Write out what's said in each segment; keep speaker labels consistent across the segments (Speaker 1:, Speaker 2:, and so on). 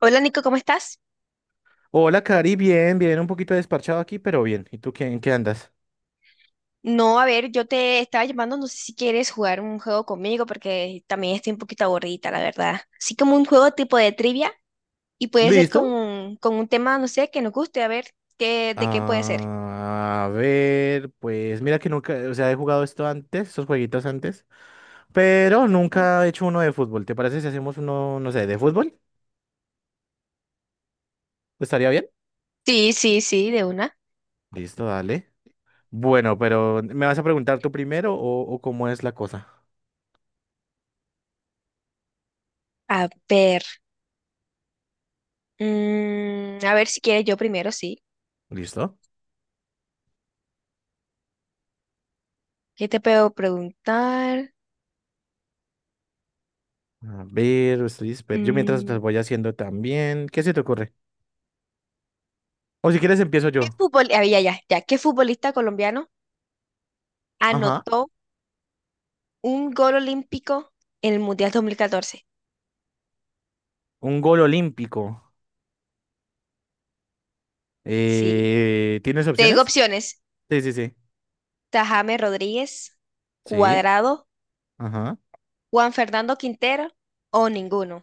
Speaker 1: Hola Nico, ¿cómo estás?
Speaker 2: Hola, Cari, bien, bien, un poquito desparchado aquí, pero bien. ¿Y tú qué, en qué andas?
Speaker 1: No, a ver, yo te estaba llamando, no sé si quieres jugar un juego conmigo porque también estoy un poquito aburrida, la verdad. Así como un juego tipo de trivia y puede ser con
Speaker 2: ¿Listo?
Speaker 1: un, con un tema, no sé, que nos guste, a ver, qué, de qué puede ser.
Speaker 2: Ah, a ver, pues mira que nunca, o sea, he jugado esto antes, esos jueguitos antes, pero nunca he hecho uno de fútbol. ¿Te parece si hacemos uno, no sé, de fútbol? ¿Estaría bien?
Speaker 1: Sí, sí, sí, de una.
Speaker 2: Listo, dale. Bueno, pero ¿me vas a preguntar tú primero o cómo es la cosa?
Speaker 1: A ver, a ver si quieres yo primero, sí.
Speaker 2: ¿Listo?
Speaker 1: ¿Qué te puedo preguntar?
Speaker 2: A ver, yo mientras las
Speaker 1: Mm,
Speaker 2: voy haciendo también. ¿Qué se te ocurre? O si quieres empiezo yo.
Speaker 1: ah, ya, ya, ya, ¿qué futbolista colombiano
Speaker 2: Ajá.
Speaker 1: anotó un gol olímpico en el Mundial 2014?
Speaker 2: Un gol olímpico.
Speaker 1: Sí.
Speaker 2: ¿Tienes
Speaker 1: Te digo
Speaker 2: opciones?
Speaker 1: opciones.
Speaker 2: Sí, sí, sí.
Speaker 1: Tajame Rodríguez,
Speaker 2: Sí.
Speaker 1: Cuadrado,
Speaker 2: Ajá.
Speaker 1: Juan Fernando Quintero o ninguno.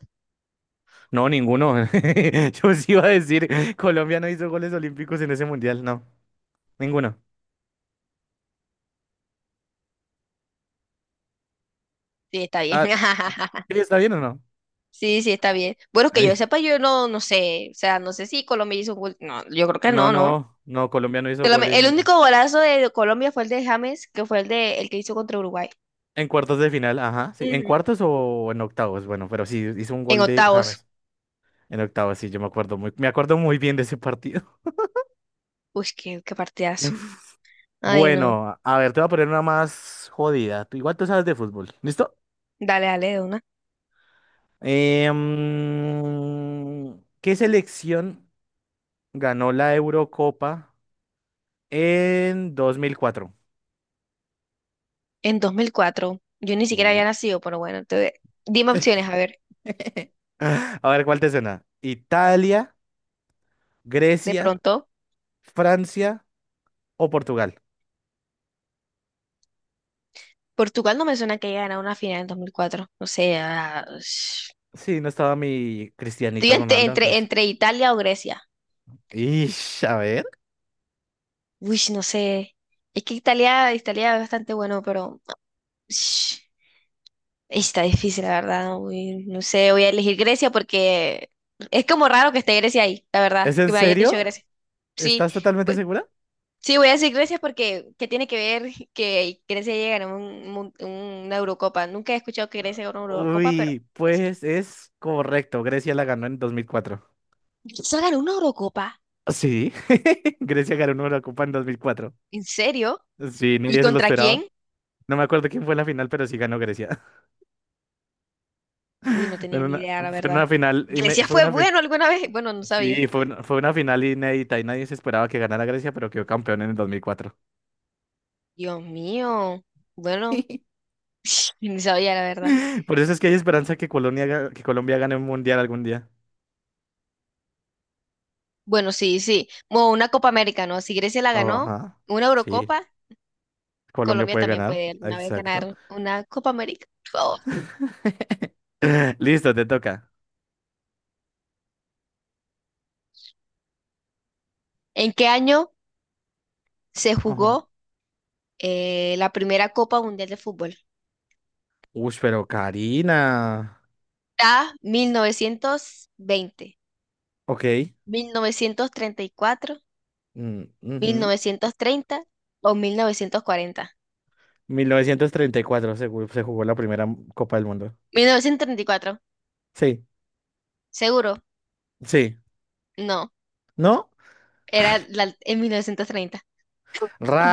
Speaker 2: No, ninguno. Yo sí iba a decir, Colombia no hizo goles olímpicos en ese mundial. No, ninguno.
Speaker 1: Sí, está bien.
Speaker 2: Ah, sí, ¿está bien o no?
Speaker 1: Sí, sí, está bien. Bueno, que yo
Speaker 2: Ay,
Speaker 1: sepa, yo no, no sé. O sea, no sé si Colombia hizo un gol. No, yo creo que
Speaker 2: no,
Speaker 1: no, ¿no?
Speaker 2: no, no, Colombia no hizo gol
Speaker 1: El
Speaker 2: en,
Speaker 1: único golazo de Colombia fue el de James, que fue el de el que hizo contra Uruguay.
Speaker 2: en cuartos de final, ajá, sí, en
Speaker 1: Ujú.
Speaker 2: cuartos o en octavos, bueno, pero sí, hizo un
Speaker 1: En
Speaker 2: gol de
Speaker 1: octavos.
Speaker 2: James en octavos, sí, yo me acuerdo muy bien de ese partido.
Speaker 1: Uy, qué partidazo. Ay, no.
Speaker 2: Bueno, a ver, te voy a poner una más jodida, igual tú sabes de fútbol, ¿listo?
Speaker 1: Dale, dale, de una.
Speaker 2: ¿Qué selección ganó la Eurocopa en 2004?
Speaker 1: En 2004. Yo ni siquiera había
Speaker 2: Sí.
Speaker 1: nacido, pero bueno. Entonces. Dime opciones, a ver.
Speaker 2: A ver, ¿cuál te suena? ¿Italia,
Speaker 1: De
Speaker 2: Grecia,
Speaker 1: pronto.
Speaker 2: Francia o Portugal?
Speaker 1: Portugal no me suena que haya ganado una final en 2004. No sé.
Speaker 2: Sí, no estaba mi
Speaker 1: Estoy
Speaker 2: Cristianito
Speaker 1: entre,
Speaker 2: Ronaldo
Speaker 1: entre,
Speaker 2: antes.
Speaker 1: entre Italia o Grecia.
Speaker 2: Ish, a ver.
Speaker 1: Uy, no sé. Es que Italia, Italia es bastante bueno, pero sh, está difícil, la verdad. Uy, no sé, voy a elegir Grecia porque es como raro que esté Grecia ahí, la verdad,
Speaker 2: ¿Es
Speaker 1: que
Speaker 2: en
Speaker 1: me hayas dicho
Speaker 2: serio?
Speaker 1: Grecia. Sí,
Speaker 2: ¿Estás totalmente
Speaker 1: bu-
Speaker 2: segura?
Speaker 1: sí, voy a decir Grecia porque ¿qué tiene que ver que Grecia llegue a ganar una Eurocopa? Nunca he escuchado que Grecia gane una Eurocopa, pero voy
Speaker 2: Uy,
Speaker 1: a decir.
Speaker 2: pues es correcto. Grecia la ganó en 2004.
Speaker 1: ¿Solo ganó una Eurocopa?
Speaker 2: Sí. Grecia ganó una Eurocopa en 2004.
Speaker 1: ¿En serio?
Speaker 2: Sí,
Speaker 1: ¿Y
Speaker 2: nadie se lo
Speaker 1: contra quién?
Speaker 2: esperaba. No me acuerdo quién fue en la final, pero sí ganó Grecia.
Speaker 1: Uy, no
Speaker 2: Fue
Speaker 1: tenía ni
Speaker 2: una,
Speaker 1: idea, la
Speaker 2: fue
Speaker 1: verdad.
Speaker 2: una final.
Speaker 1: ¿Grecia fue bueno alguna vez? Bueno, no sabía.
Speaker 2: Sí, fue una final inédita y nadie se esperaba que ganara Grecia, pero quedó campeón en el 2004.
Speaker 1: Dios mío. Bueno, ni sabía, la verdad.
Speaker 2: Por eso es que hay esperanza que que Colombia gane un mundial algún día.
Speaker 1: Bueno, sí, sí. Bueno, una Copa América, ¿no? Si Grecia la
Speaker 2: Oh,
Speaker 1: ganó,
Speaker 2: ajá.
Speaker 1: una
Speaker 2: Sí,
Speaker 1: Eurocopa,
Speaker 2: Colombia
Speaker 1: Colombia
Speaker 2: puede
Speaker 1: también
Speaker 2: ganar.
Speaker 1: puede alguna vez
Speaker 2: Exacto.
Speaker 1: ganar una Copa América. Por favor.
Speaker 2: Listo, te toca.
Speaker 1: ¿En qué año se
Speaker 2: Ajá.
Speaker 1: jugó la primera Copa Mundial de Fútbol?
Speaker 2: Uy, pero Karina.
Speaker 1: A, mil novecientos veinte,
Speaker 2: Ok.
Speaker 1: 1934, mil
Speaker 2: Ujú.
Speaker 1: novecientos treinta o 1940.
Speaker 2: 1934 se jugó la primera Copa del Mundo.
Speaker 1: 1934
Speaker 2: Sí.
Speaker 1: seguro.
Speaker 2: Sí,
Speaker 1: No,
Speaker 2: ¿no?
Speaker 1: era en 1930.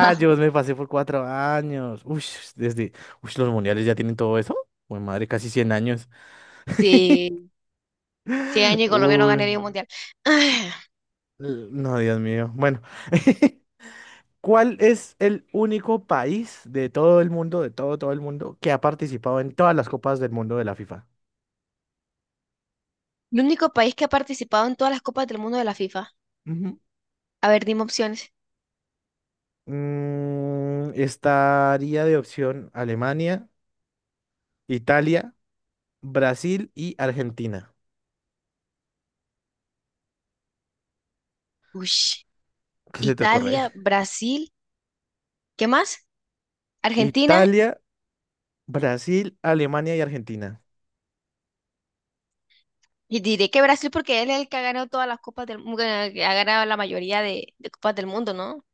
Speaker 1: Ajá.
Speaker 2: me pasé por 4 años. Uy, desde. Uy, los mundiales ya tienen todo eso. Uy, madre, casi 100 años.
Speaker 1: Sí, 100 años y Colombia no
Speaker 2: Uy,
Speaker 1: ganaría un mundial. Ah,
Speaker 2: no, Dios mío. Bueno, ¿cuál es el único país de todo el mundo, de todo, todo el mundo, que ha participado en todas las copas del mundo de la FIFA?
Speaker 1: el único país que ha participado en todas las copas del mundo de la FIFA.
Speaker 2: Ujú.
Speaker 1: A ver, dime opciones.
Speaker 2: Estaría de opción Alemania, Italia, Brasil y Argentina.
Speaker 1: Ush,
Speaker 2: ¿Qué se te ocurre?
Speaker 1: Italia, Brasil, ¿qué más? Argentina.
Speaker 2: Italia, Brasil, Alemania y Argentina.
Speaker 1: Y diré que Brasil porque él es el que ha ganado todas las copas del mundo, que ha ganado la mayoría de copas del mundo, ¿no?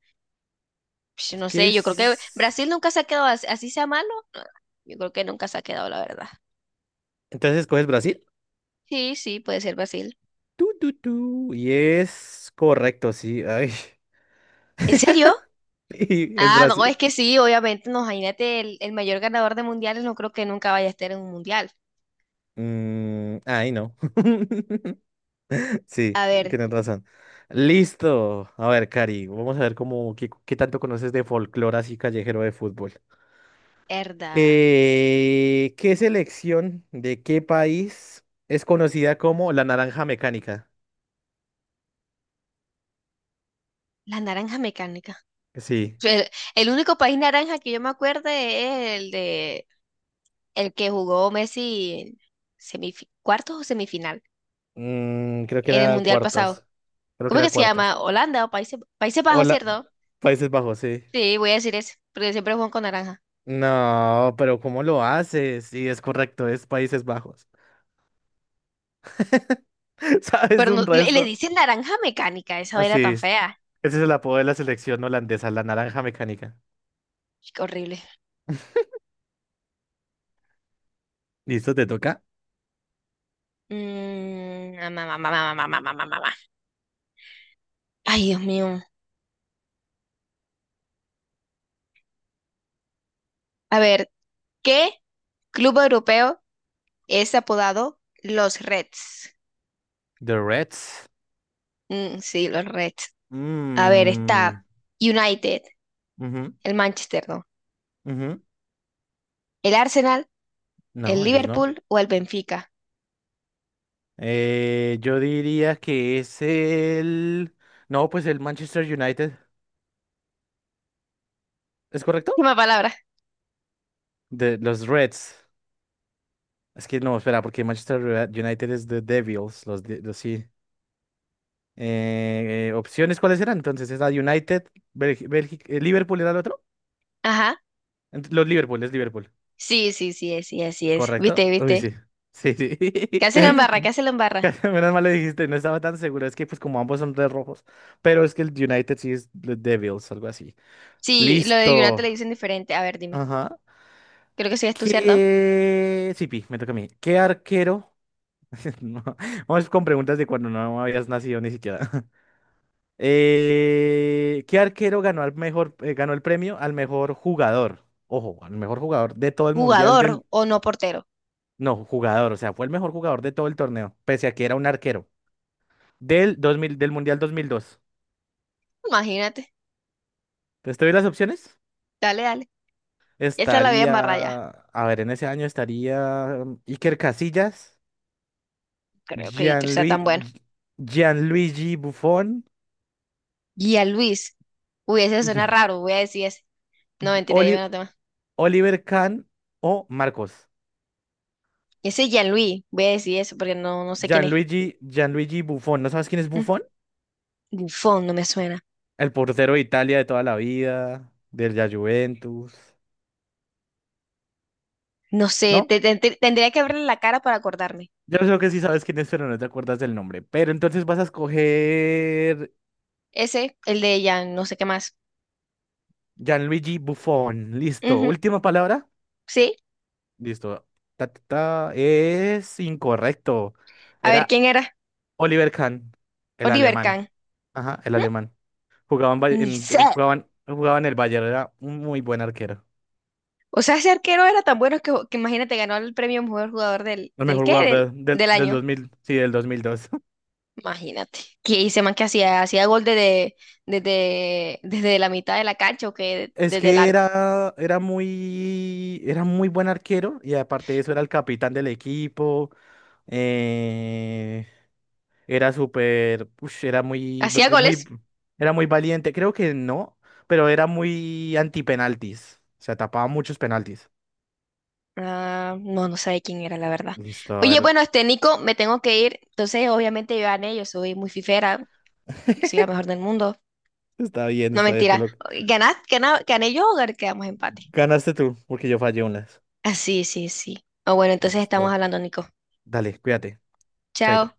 Speaker 1: Ush, no
Speaker 2: ¿Qué
Speaker 1: sé, yo creo que
Speaker 2: es?
Speaker 1: Brasil nunca se ha quedado así, sea malo. No, yo creo que nunca se ha quedado, la verdad.
Speaker 2: Entonces escoges Brasil.
Speaker 1: Sí, sí, puede ser Brasil.
Speaker 2: Tu, tu, tu. Y es correcto, sí. Ay,
Speaker 1: ¿En serio?
Speaker 2: y es
Speaker 1: Ah, no, es
Speaker 2: Brasil.
Speaker 1: que sí, obviamente, no, imagínate, el mayor ganador de mundiales no creo que nunca vaya a estar en un mundial.
Speaker 2: Ay, no. Sí,
Speaker 1: A ver,
Speaker 2: tienes razón. Listo. A ver, Cari, vamos a ver qué tanto conoces de folclore así callejero de fútbol.
Speaker 1: herda,
Speaker 2: ¿Qué selección de qué país es conocida como la naranja mecánica?
Speaker 1: la naranja mecánica.
Speaker 2: Sí.
Speaker 1: El único país naranja que yo me acuerdo es el de el que jugó Messi cuartos o semifinal
Speaker 2: Creo que
Speaker 1: en el
Speaker 2: era
Speaker 1: mundial pasado.
Speaker 2: cuartos. Creo que
Speaker 1: ¿Cómo es
Speaker 2: era
Speaker 1: que se
Speaker 2: cuartos.
Speaker 1: llama? Holanda o Países, Países Bajos,
Speaker 2: Hola,
Speaker 1: ¿cierto?
Speaker 2: Países Bajos, sí.
Speaker 1: Sí, voy a decir eso, porque siempre juegan con naranja.
Speaker 2: No, pero ¿cómo lo haces? Sí, es correcto, es Países Bajos. ¿Sabes
Speaker 1: Pero
Speaker 2: de un
Speaker 1: le
Speaker 2: resto?
Speaker 1: dicen naranja mecánica, esa era
Speaker 2: Así
Speaker 1: tan
Speaker 2: es.
Speaker 1: fea.
Speaker 2: Ese es el apodo de la selección holandesa, la naranja mecánica.
Speaker 1: Qué horrible.
Speaker 2: ¿Listo? ¿Te toca?
Speaker 1: Ma, ma, ma, ma. Ay, Dios mío. A ver, ¿qué club europeo es apodado los Reds?
Speaker 2: The Reds.
Speaker 1: Sí, los Reds. A ver, está
Speaker 2: Mm,
Speaker 1: United,
Speaker 2: ujú,
Speaker 1: el Manchester, ¿no?
Speaker 2: ujú.
Speaker 1: El Arsenal, el
Speaker 2: No, ellos no.
Speaker 1: Liverpool o el Benfica.
Speaker 2: Yo diría que es el. No, pues el Manchester United. ¿Es correcto?
Speaker 1: Última palabra.
Speaker 2: De los Reds. Es que no, espera, porque Manchester United es The Devils, los sí. Opciones, ¿cuáles eran? Entonces, es la United, Bélgica, Liverpool era el otro.
Speaker 1: Ajá.
Speaker 2: Los Liverpool, es Liverpool.
Speaker 1: Sí, sí, sí, es, sí, así es.
Speaker 2: ¿Correcto?
Speaker 1: ¿Viste,
Speaker 2: Uy,
Speaker 1: viste?
Speaker 2: sí. Sí, sí.
Speaker 1: ¿Qué hace la embarra? ¿Qué hace la embarra?
Speaker 2: Menos mal lo dijiste, no estaba tan seguro. Es que, pues, como ambos son de rojos. Pero es que el United sí es The Devils, algo así.
Speaker 1: Sí, lo de United
Speaker 2: Listo.
Speaker 1: le dicen diferente. A ver, dime.
Speaker 2: Ajá.
Speaker 1: Creo que sí es tú, ¿cierto?
Speaker 2: ¿Qué. Sí, Pi, me toca a mí. ¿Qué arquero? No, vamos con preguntas de cuando no habías nacido ni siquiera. ¿Qué arquero ganó al mejor, ganó el premio al mejor jugador? Ojo, al mejor jugador de todo el mundial
Speaker 1: Jugador
Speaker 2: del.
Speaker 1: o no portero.
Speaker 2: No, jugador, o sea, fue el mejor jugador de todo el torneo, pese a que era un arquero del 2000 del mundial 2002.
Speaker 1: Imagínate.
Speaker 2: Entonces, ¿te doy las opciones?
Speaker 1: Dale, dale. Esa la voy a embarrar ya.
Speaker 2: Estaría, a ver, en ese año estaría Iker Casillas,
Speaker 1: Creo que Iker sea tan
Speaker 2: Gianlui-
Speaker 1: bueno.
Speaker 2: Gi- Gianluigi Buffon,
Speaker 1: Luis Uy, ese suena
Speaker 2: Gi-
Speaker 1: raro. Voy a decir ese. No, mentira, dime
Speaker 2: Oli-
Speaker 1: otro más.
Speaker 2: Oliver Kahn o Marcos.
Speaker 1: Ese Gianluis. Voy a decir eso porque no, no sé quién es.
Speaker 2: Gianluigi Buffon, ¿no sabes quién es
Speaker 1: Mm,
Speaker 2: Buffon?
Speaker 1: Buffon no me suena.
Speaker 2: El portero de Italia de toda la vida, del la Juventus.
Speaker 1: No sé,
Speaker 2: ¿No?
Speaker 1: tendría que verle la cara para acordarme.
Speaker 2: Yo creo que sí sabes quién es, pero no te acuerdas del nombre. Pero entonces vas a escoger
Speaker 1: Ese, el de Jan, no sé qué más.
Speaker 2: Gianluigi Buffon. Listo.
Speaker 1: Ujú,
Speaker 2: Última palabra.
Speaker 1: sí.
Speaker 2: Listo. Ta, ta, ta. Es incorrecto.
Speaker 1: A ver,
Speaker 2: Era
Speaker 1: ¿quién era?
Speaker 2: Oliver Kahn, el
Speaker 1: Oliver
Speaker 2: alemán.
Speaker 1: Kahn.
Speaker 2: Ajá, el
Speaker 1: ¿Mm?
Speaker 2: alemán. Jugaban, en, Bay-
Speaker 1: Ni sé.
Speaker 2: en- jugaban, jugaban el Bayern. Era un muy buen arquero.
Speaker 1: O sea, ese arquero era tan bueno que imagínate, ganó el premio mejor jugador del,
Speaker 2: El
Speaker 1: ¿del
Speaker 2: mejor
Speaker 1: qué?
Speaker 2: jugador
Speaker 1: Del,
Speaker 2: de- del,
Speaker 1: del
Speaker 2: del dos
Speaker 1: año.
Speaker 2: mil, sí, del 2002.
Speaker 1: Imagínate. Que hice más que hacía gol desde la mitad de la cancha o que
Speaker 2: Es
Speaker 1: desde el
Speaker 2: que
Speaker 1: arco.
Speaker 2: era muy buen arquero y aparte de eso era el capitán del equipo. eh, era súper, ush, era muy, br-
Speaker 1: ¿Hacía
Speaker 2: eh, muy,
Speaker 1: goles?
Speaker 2: era muy valiente. Creo que no, pero era muy anti-penaltis, o sea tapaba muchos penaltis.
Speaker 1: Ah, no, no sabía quién era, la verdad.
Speaker 2: Listo, a
Speaker 1: Oye,
Speaker 2: ver.
Speaker 1: bueno, este Nico, me tengo que ir. Entonces, obviamente, yo gané, yo soy muy fifera, soy la mejor del mundo. No,
Speaker 2: Está bien, te
Speaker 1: mentira.
Speaker 2: lo
Speaker 1: ¿Gané yo o quedamos empate?
Speaker 2: ganaste tú, porque yo fallé unas.
Speaker 1: Ah, sí, sí, sí. Ah, bueno, entonces estamos
Speaker 2: Listo.
Speaker 1: hablando, Nico.
Speaker 2: Dale, cuídate. Chaito.
Speaker 1: Chao.